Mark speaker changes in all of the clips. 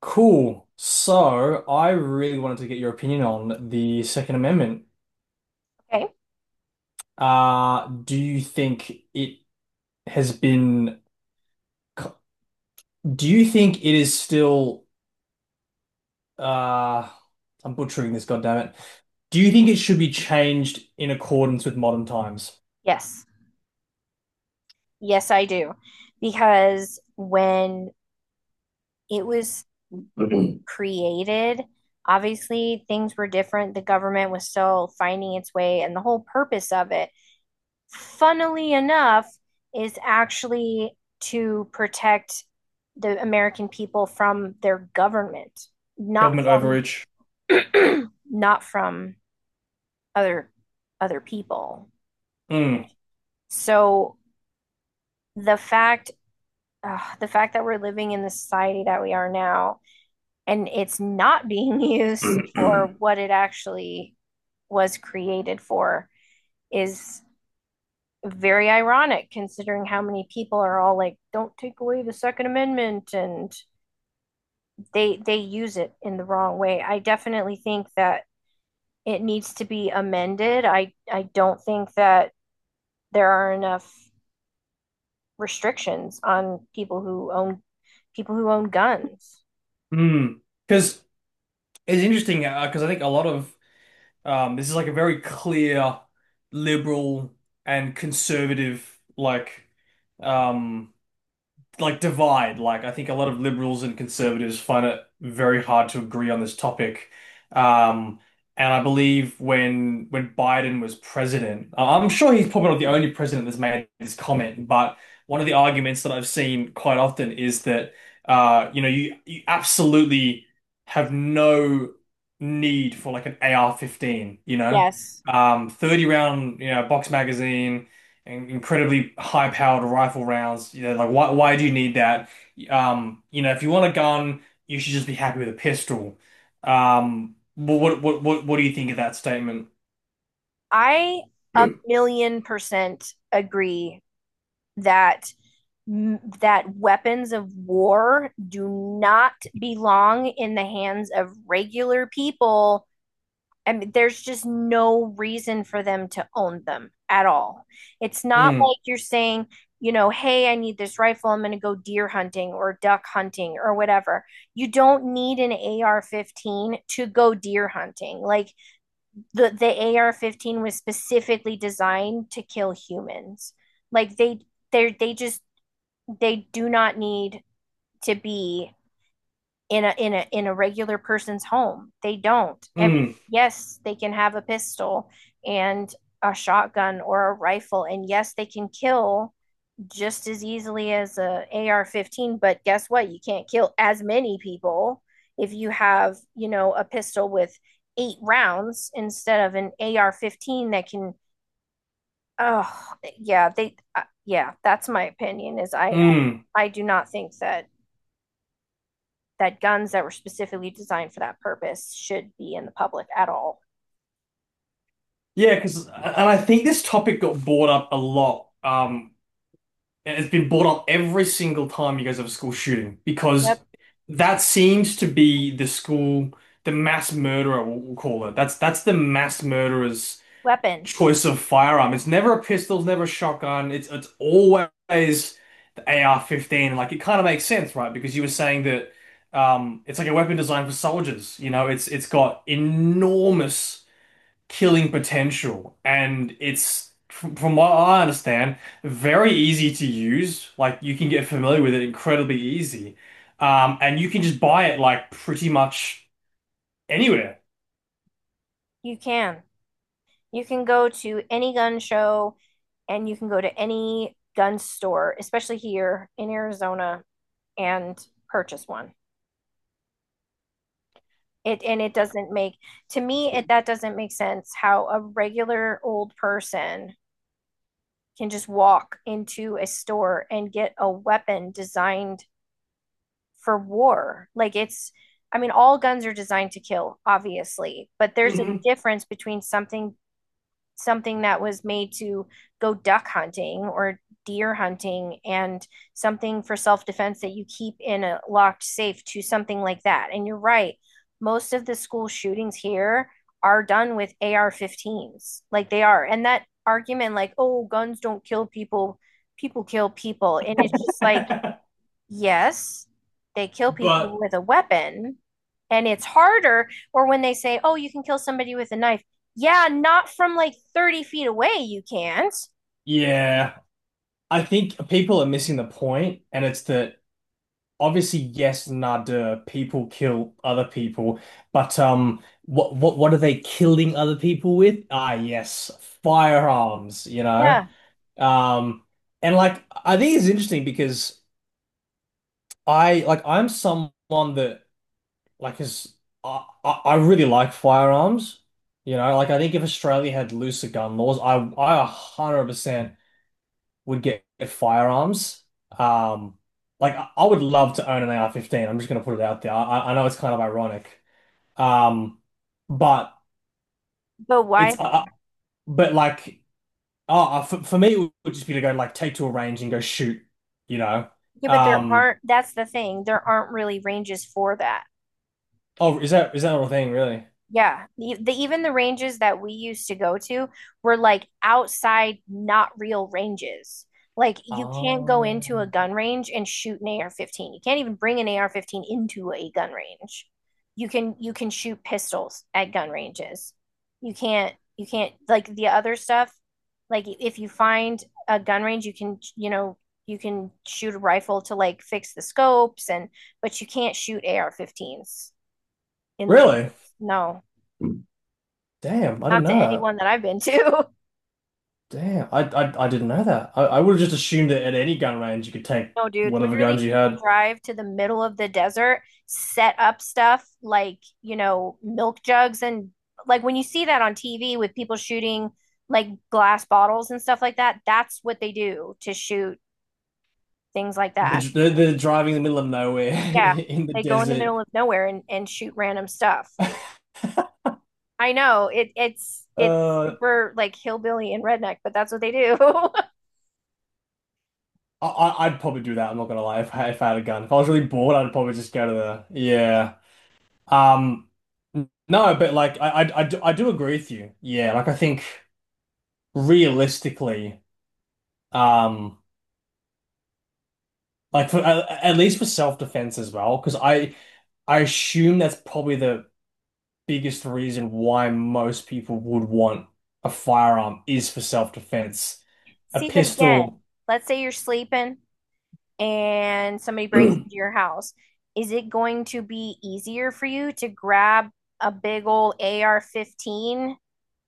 Speaker 1: Cool. So I really wanted to get your opinion on the Second Amendment.
Speaker 2: Okay.
Speaker 1: Do you think it has been, do you think it is still, uh, I'm butchering this, goddammit. Do you think it should be changed in accordance with modern times?
Speaker 2: Yes. Yes, I do. Because when it was created, obviously things were different. The government was still finding its way, and the whole purpose of it, funnily enough, is actually to protect the American people from their government, not
Speaker 1: Government
Speaker 2: from
Speaker 1: overreach.
Speaker 2: not from other other people.
Speaker 1: Mm.
Speaker 2: So the fact the fact that we're living in the society that we are now, and it's not being used for what it actually was created for, is very ironic considering how many people are all like, don't take away the Second Amendment, and they use it in the wrong way. I definitely think that it needs to be amended. I don't think that there are enough restrictions on people who own guns.
Speaker 1: Mm. Because it's interesting, because I think a lot of this is like a very clear liberal and conservative like um divide. Like I think a lot of liberals and conservatives find it very hard to agree on this topic. Um, and I believe when Biden was president, I'm sure he's probably not the only president that's made this comment, but one of the arguments that I've seen quite often is that you know, you absolutely have no need for like an AR-15, you know?
Speaker 2: Yes,
Speaker 1: 30 round, you know, box magazine incredibly high-powered rifle rounds. You know, like why do you need that? You know, if you want a gun, you should just be happy with a pistol. What do you think of that statement?
Speaker 2: I 1,000,000% agree that that weapons of war do not belong in the hands of regular people. I mean, there's just no reason for them to own them at all. It's not
Speaker 1: Mm,
Speaker 2: like you're saying, you know, hey, I need this rifle, I'm going to go deer hunting or duck hunting or whatever. You don't need an AR-15 to go deer hunting. Like the AR-15 was specifically designed to kill humans. Like they they just they do not need to be in a regular person's home. They don't. I mean,
Speaker 1: mm,
Speaker 2: yes, they can have a pistol and a shotgun or a rifle, and yes, they can kill just as easily as a AR-15. But guess what? You can't kill as many people if you have a pistol with eight rounds instead of an AR-15 that can. Oh, yeah, they. Yeah, that's my opinion. Is I
Speaker 1: mm.
Speaker 2: I do not think that guns that were specifically designed for that purpose should be in the public at all.
Speaker 1: Yeah, because and I think this topic got brought up a lot. And it's been brought up every single time you guys have a school shooting because
Speaker 2: Yep.
Speaker 1: that seems to be the mass murderer, we'll call it. That's the mass murderer's
Speaker 2: Weapon.
Speaker 1: choice of firearm. It's never a pistol, it's never a shotgun. It's always the AR-15. Like it kind of makes sense, right? Because you were saying that it's like a weapon designed for soldiers. You know, it's got enormous killing potential, and it's from what I understand, very easy to use. Like you can get familiar with it incredibly easy, and you can just buy it like pretty much anywhere.
Speaker 2: You can. You can go to any gun show and you can go to any gun store, especially here in Arizona, and purchase one. It and it doesn't make, to me it that doesn't make sense how a regular old person can just walk into a store and get a weapon designed for war. I mean, all guns are designed to kill, obviously, but there's a
Speaker 1: hmm
Speaker 2: difference between something that was made to go duck hunting or deer hunting, and something for self-defense that you keep in a locked safe, to something like that. And you're right, most of the school shootings here are done with AR-15s. Like they are. And that argument like, "Oh, guns don't kill people, people kill people." And it's just like, yes, they kill people
Speaker 1: But
Speaker 2: with a weapon, and it's harder. Or when they say, oh, you can kill somebody with a knife. Yeah, not from like 30 feet away, you can't.
Speaker 1: yeah. I think people are missing the point, and it's that obviously, yes, nada, people kill other people, but what are they killing other people with? Ah, yes, firearms, you know.
Speaker 2: Yeah,
Speaker 1: Um, and like I think it's interesting because I'm someone that like is I really like firearms, you know. Like I think if Australia had looser gun laws, I 100% would get firearms. Um, like I would love to own an AR-15. I'm just gonna put it out there. I know it's kind of ironic, um, but
Speaker 2: but why
Speaker 1: it's
Speaker 2: though?
Speaker 1: but like oh for me it would just be to go like take to a range and go shoot, you know.
Speaker 2: Yeah, but there
Speaker 1: Um,
Speaker 2: aren't, that's the thing. There aren't really ranges for that.
Speaker 1: oh, is that is that a thing really?
Speaker 2: Yeah, the even the ranges that we used to go to were like outside, not real ranges. Like you can't go
Speaker 1: Oh,
Speaker 2: into a gun range and shoot an AR-15. You can't even bring an AR-15 into a gun range. You can shoot pistols at gun ranges. You can't like the other stuff. Like if you find a gun range, you can, you can shoot a rifle to like fix the scopes and but you can't shoot AR-15s in the ranges.
Speaker 1: really?
Speaker 2: No.
Speaker 1: Damn, I didn't
Speaker 2: Not to
Speaker 1: know that.
Speaker 2: anyone that I've been to.
Speaker 1: Damn, I didn't know that. I would have just assumed that at any gun range you could take
Speaker 2: No, dude,
Speaker 1: whatever
Speaker 2: literally
Speaker 1: guns you
Speaker 2: people
Speaker 1: had.
Speaker 2: drive to the middle of the desert, set up stuff like, you know, milk jugs and like when you see that on TV with people shooting like glass bottles and stuff like that, that's what they do to shoot things like
Speaker 1: The,
Speaker 2: that.
Speaker 1: the, the driving in the middle of nowhere
Speaker 2: Yeah,
Speaker 1: in the
Speaker 2: they go in the
Speaker 1: desert.
Speaker 2: middle of nowhere and shoot random stuff. I know it's
Speaker 1: Uh,
Speaker 2: super like hillbilly and redneck, but that's what they do.
Speaker 1: I'd probably do that. I'm not gonna lie. If I had a gun, if I was really bored, I'd probably just go to the yeah. Um, no, but like I do agree with you. Yeah, like I think realistically, um, like for at least for self-defense as well, because I assume that's probably the biggest reason why most people would want a firearm is for self-defense. A
Speaker 2: See, but again,
Speaker 1: pistol.
Speaker 2: let's say you're sleeping and somebody breaks into your house, is it going to be easier for you to grab a big old AR-15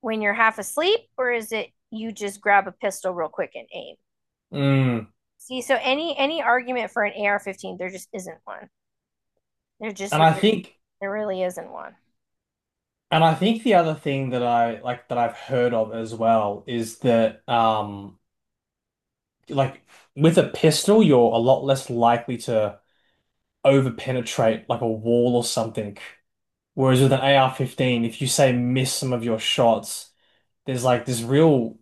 Speaker 2: when you're half asleep, or is it you just grab a pistol real quick and aim?
Speaker 1: Mm.
Speaker 2: See, so any argument for an AR-15, there just isn't one. There just
Speaker 1: And I
Speaker 2: really,
Speaker 1: think
Speaker 2: there really isn't one.
Speaker 1: and I think the other thing that I've heard of as well is that like with a pistol you're a lot less likely to over penetrate like a wall or something. Whereas with an AR-15, if you say miss some of your shots, there's like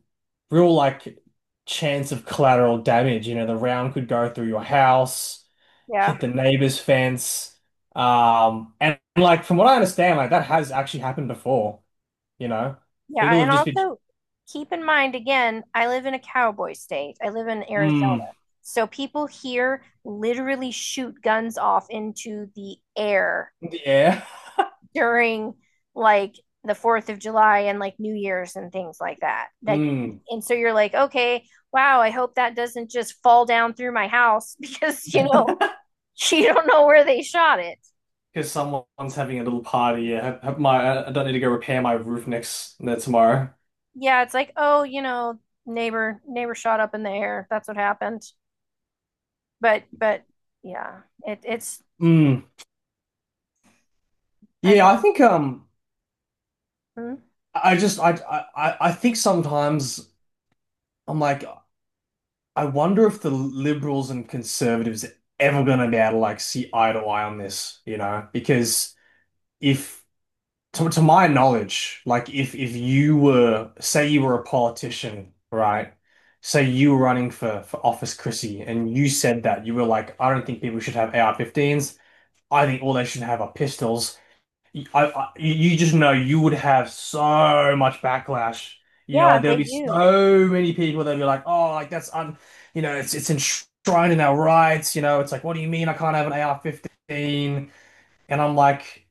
Speaker 1: real like chance of collateral damage. You know, the round could go through your house,
Speaker 2: Yeah.
Speaker 1: hit the neighbor's fence. And like from what I understand, like that has actually happened before. You know, people
Speaker 2: Yeah, and
Speaker 1: have just been,
Speaker 2: also keep in mind again, I live in a cowboy state. I live in Arizona.
Speaker 1: mm,
Speaker 2: So people here literally shoot guns off into the air
Speaker 1: yeah,
Speaker 2: during like the 4th of July and like New Year's and things like that. Like,
Speaker 1: mm,
Speaker 2: and so you're like, "Okay, wow, I hope that doesn't just fall down through my house because, you know, you don't know where they shot it."
Speaker 1: because someone's having a little party. Yeah, have my I don't need to go repair my roof next no, tomorrow.
Speaker 2: Yeah, it's like, "Oh, you know, neighbor shot up in the air. That's what happened." But yeah, it it's
Speaker 1: Mm.
Speaker 2: I
Speaker 1: Yeah, I
Speaker 2: don't.
Speaker 1: think
Speaker 2: Hmm?
Speaker 1: I just I think sometimes I'm like I wonder if the liberals and conservatives are ever going to be able to like see eye to eye on this, you know? Because if, to my knowledge, like if you were, say you were a politician, right? Say you were running for office, Chrissy, and you said that you were like, I don't think people should have AR-15s. I think all they should have are pistols. You just know you would have so much backlash. You know,
Speaker 2: Yeah,
Speaker 1: like there'll
Speaker 2: they
Speaker 1: be
Speaker 2: do.
Speaker 1: so many people that'll be like, "Oh, like that's un, you know, it's enshrined in our rights." You know, it's like, "What do you mean I can't have an ar 15?" And I'm like,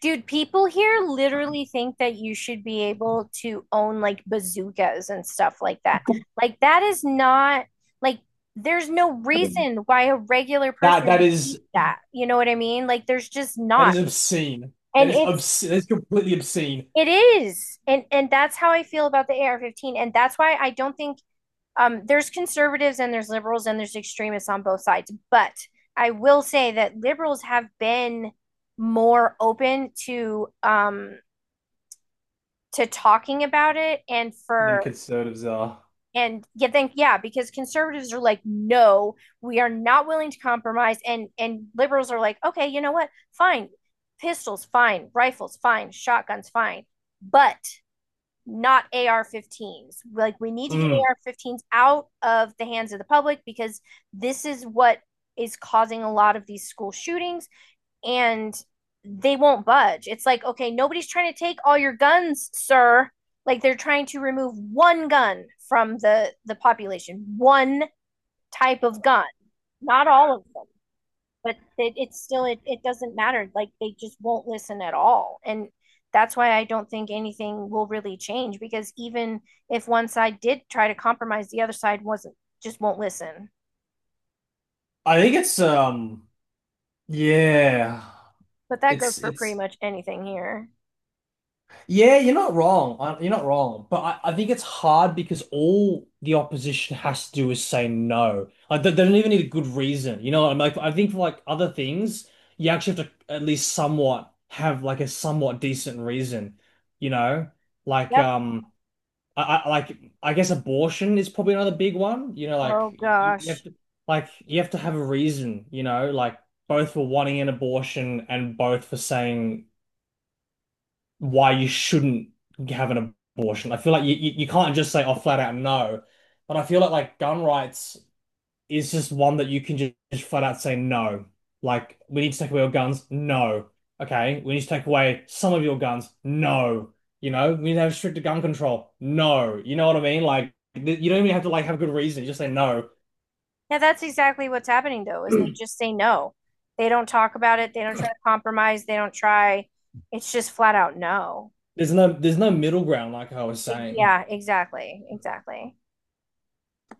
Speaker 2: Dude, people here literally think that you should be able to own like bazookas and stuff like that. Like, that is not like there's no reason why a regular
Speaker 1: "That that
Speaker 2: person
Speaker 1: is
Speaker 2: needs that. You know what I mean? Like, there's just
Speaker 1: that is
Speaker 2: not.
Speaker 1: obscene. That
Speaker 2: And
Speaker 1: is
Speaker 2: it's,
Speaker 1: obscene. That is completely obscene."
Speaker 2: it is. And that's how I feel about the AR-15. And that's why I don't think, um, there's conservatives and there's liberals and there's extremists on both sides. But I will say that liberals have been more open to, talking about it, and
Speaker 1: Than
Speaker 2: for
Speaker 1: conservatives are.
Speaker 2: and yeah, think yeah, because conservatives are like, no, we are not willing to compromise, and liberals are like, okay, you know what, fine, pistols, fine, rifles, fine, shotguns, fine, but not AR-15s. Like we need to get
Speaker 1: Mm.
Speaker 2: AR-15s out of the hands of the public because this is what is causing a lot of these school shootings and they won't budge. It's like, okay, nobody's trying to take all your guns, sir. Like they're trying to remove one gun from the population, one type of gun, not all of them, but it's still it doesn't matter. Like they just won't listen at all, and that's why I don't think anything will really change because even if one side did try to compromise, the other side wasn't just won't listen.
Speaker 1: I think it's yeah.
Speaker 2: But that goes for pretty
Speaker 1: It's
Speaker 2: much anything here.
Speaker 1: yeah, you're not wrong. You're not wrong. But I think it's hard because all the opposition has to do is say no. Like they don't even need a good reason. You know what I'm like I think for like other things, you actually have to at least somewhat have like a somewhat decent reason, you know? Like
Speaker 2: Yep.
Speaker 1: um I like I guess abortion is probably another big one. You know, like
Speaker 2: Oh
Speaker 1: you have
Speaker 2: gosh.
Speaker 1: to have a reason, you know, like both for wanting an abortion and both for saying why you shouldn't have an abortion. I feel like you can't just say, oh, flat out no. But I feel like gun rights is just one that you can just, flat out say no. Like, we need to take away your guns. No. Okay. We need to take away some of your guns. No. You know, we need to have stricter gun control. No. You know what I mean? Like, you don't even have to like have a good reason. You just say no.
Speaker 2: Yeah, that's exactly what's happening though, is they just say no. They don't talk about it. They don't try to compromise. They don't try. It's just flat out no.
Speaker 1: There's no middle ground, like I was saying.
Speaker 2: Yeah, exactly. Exactly.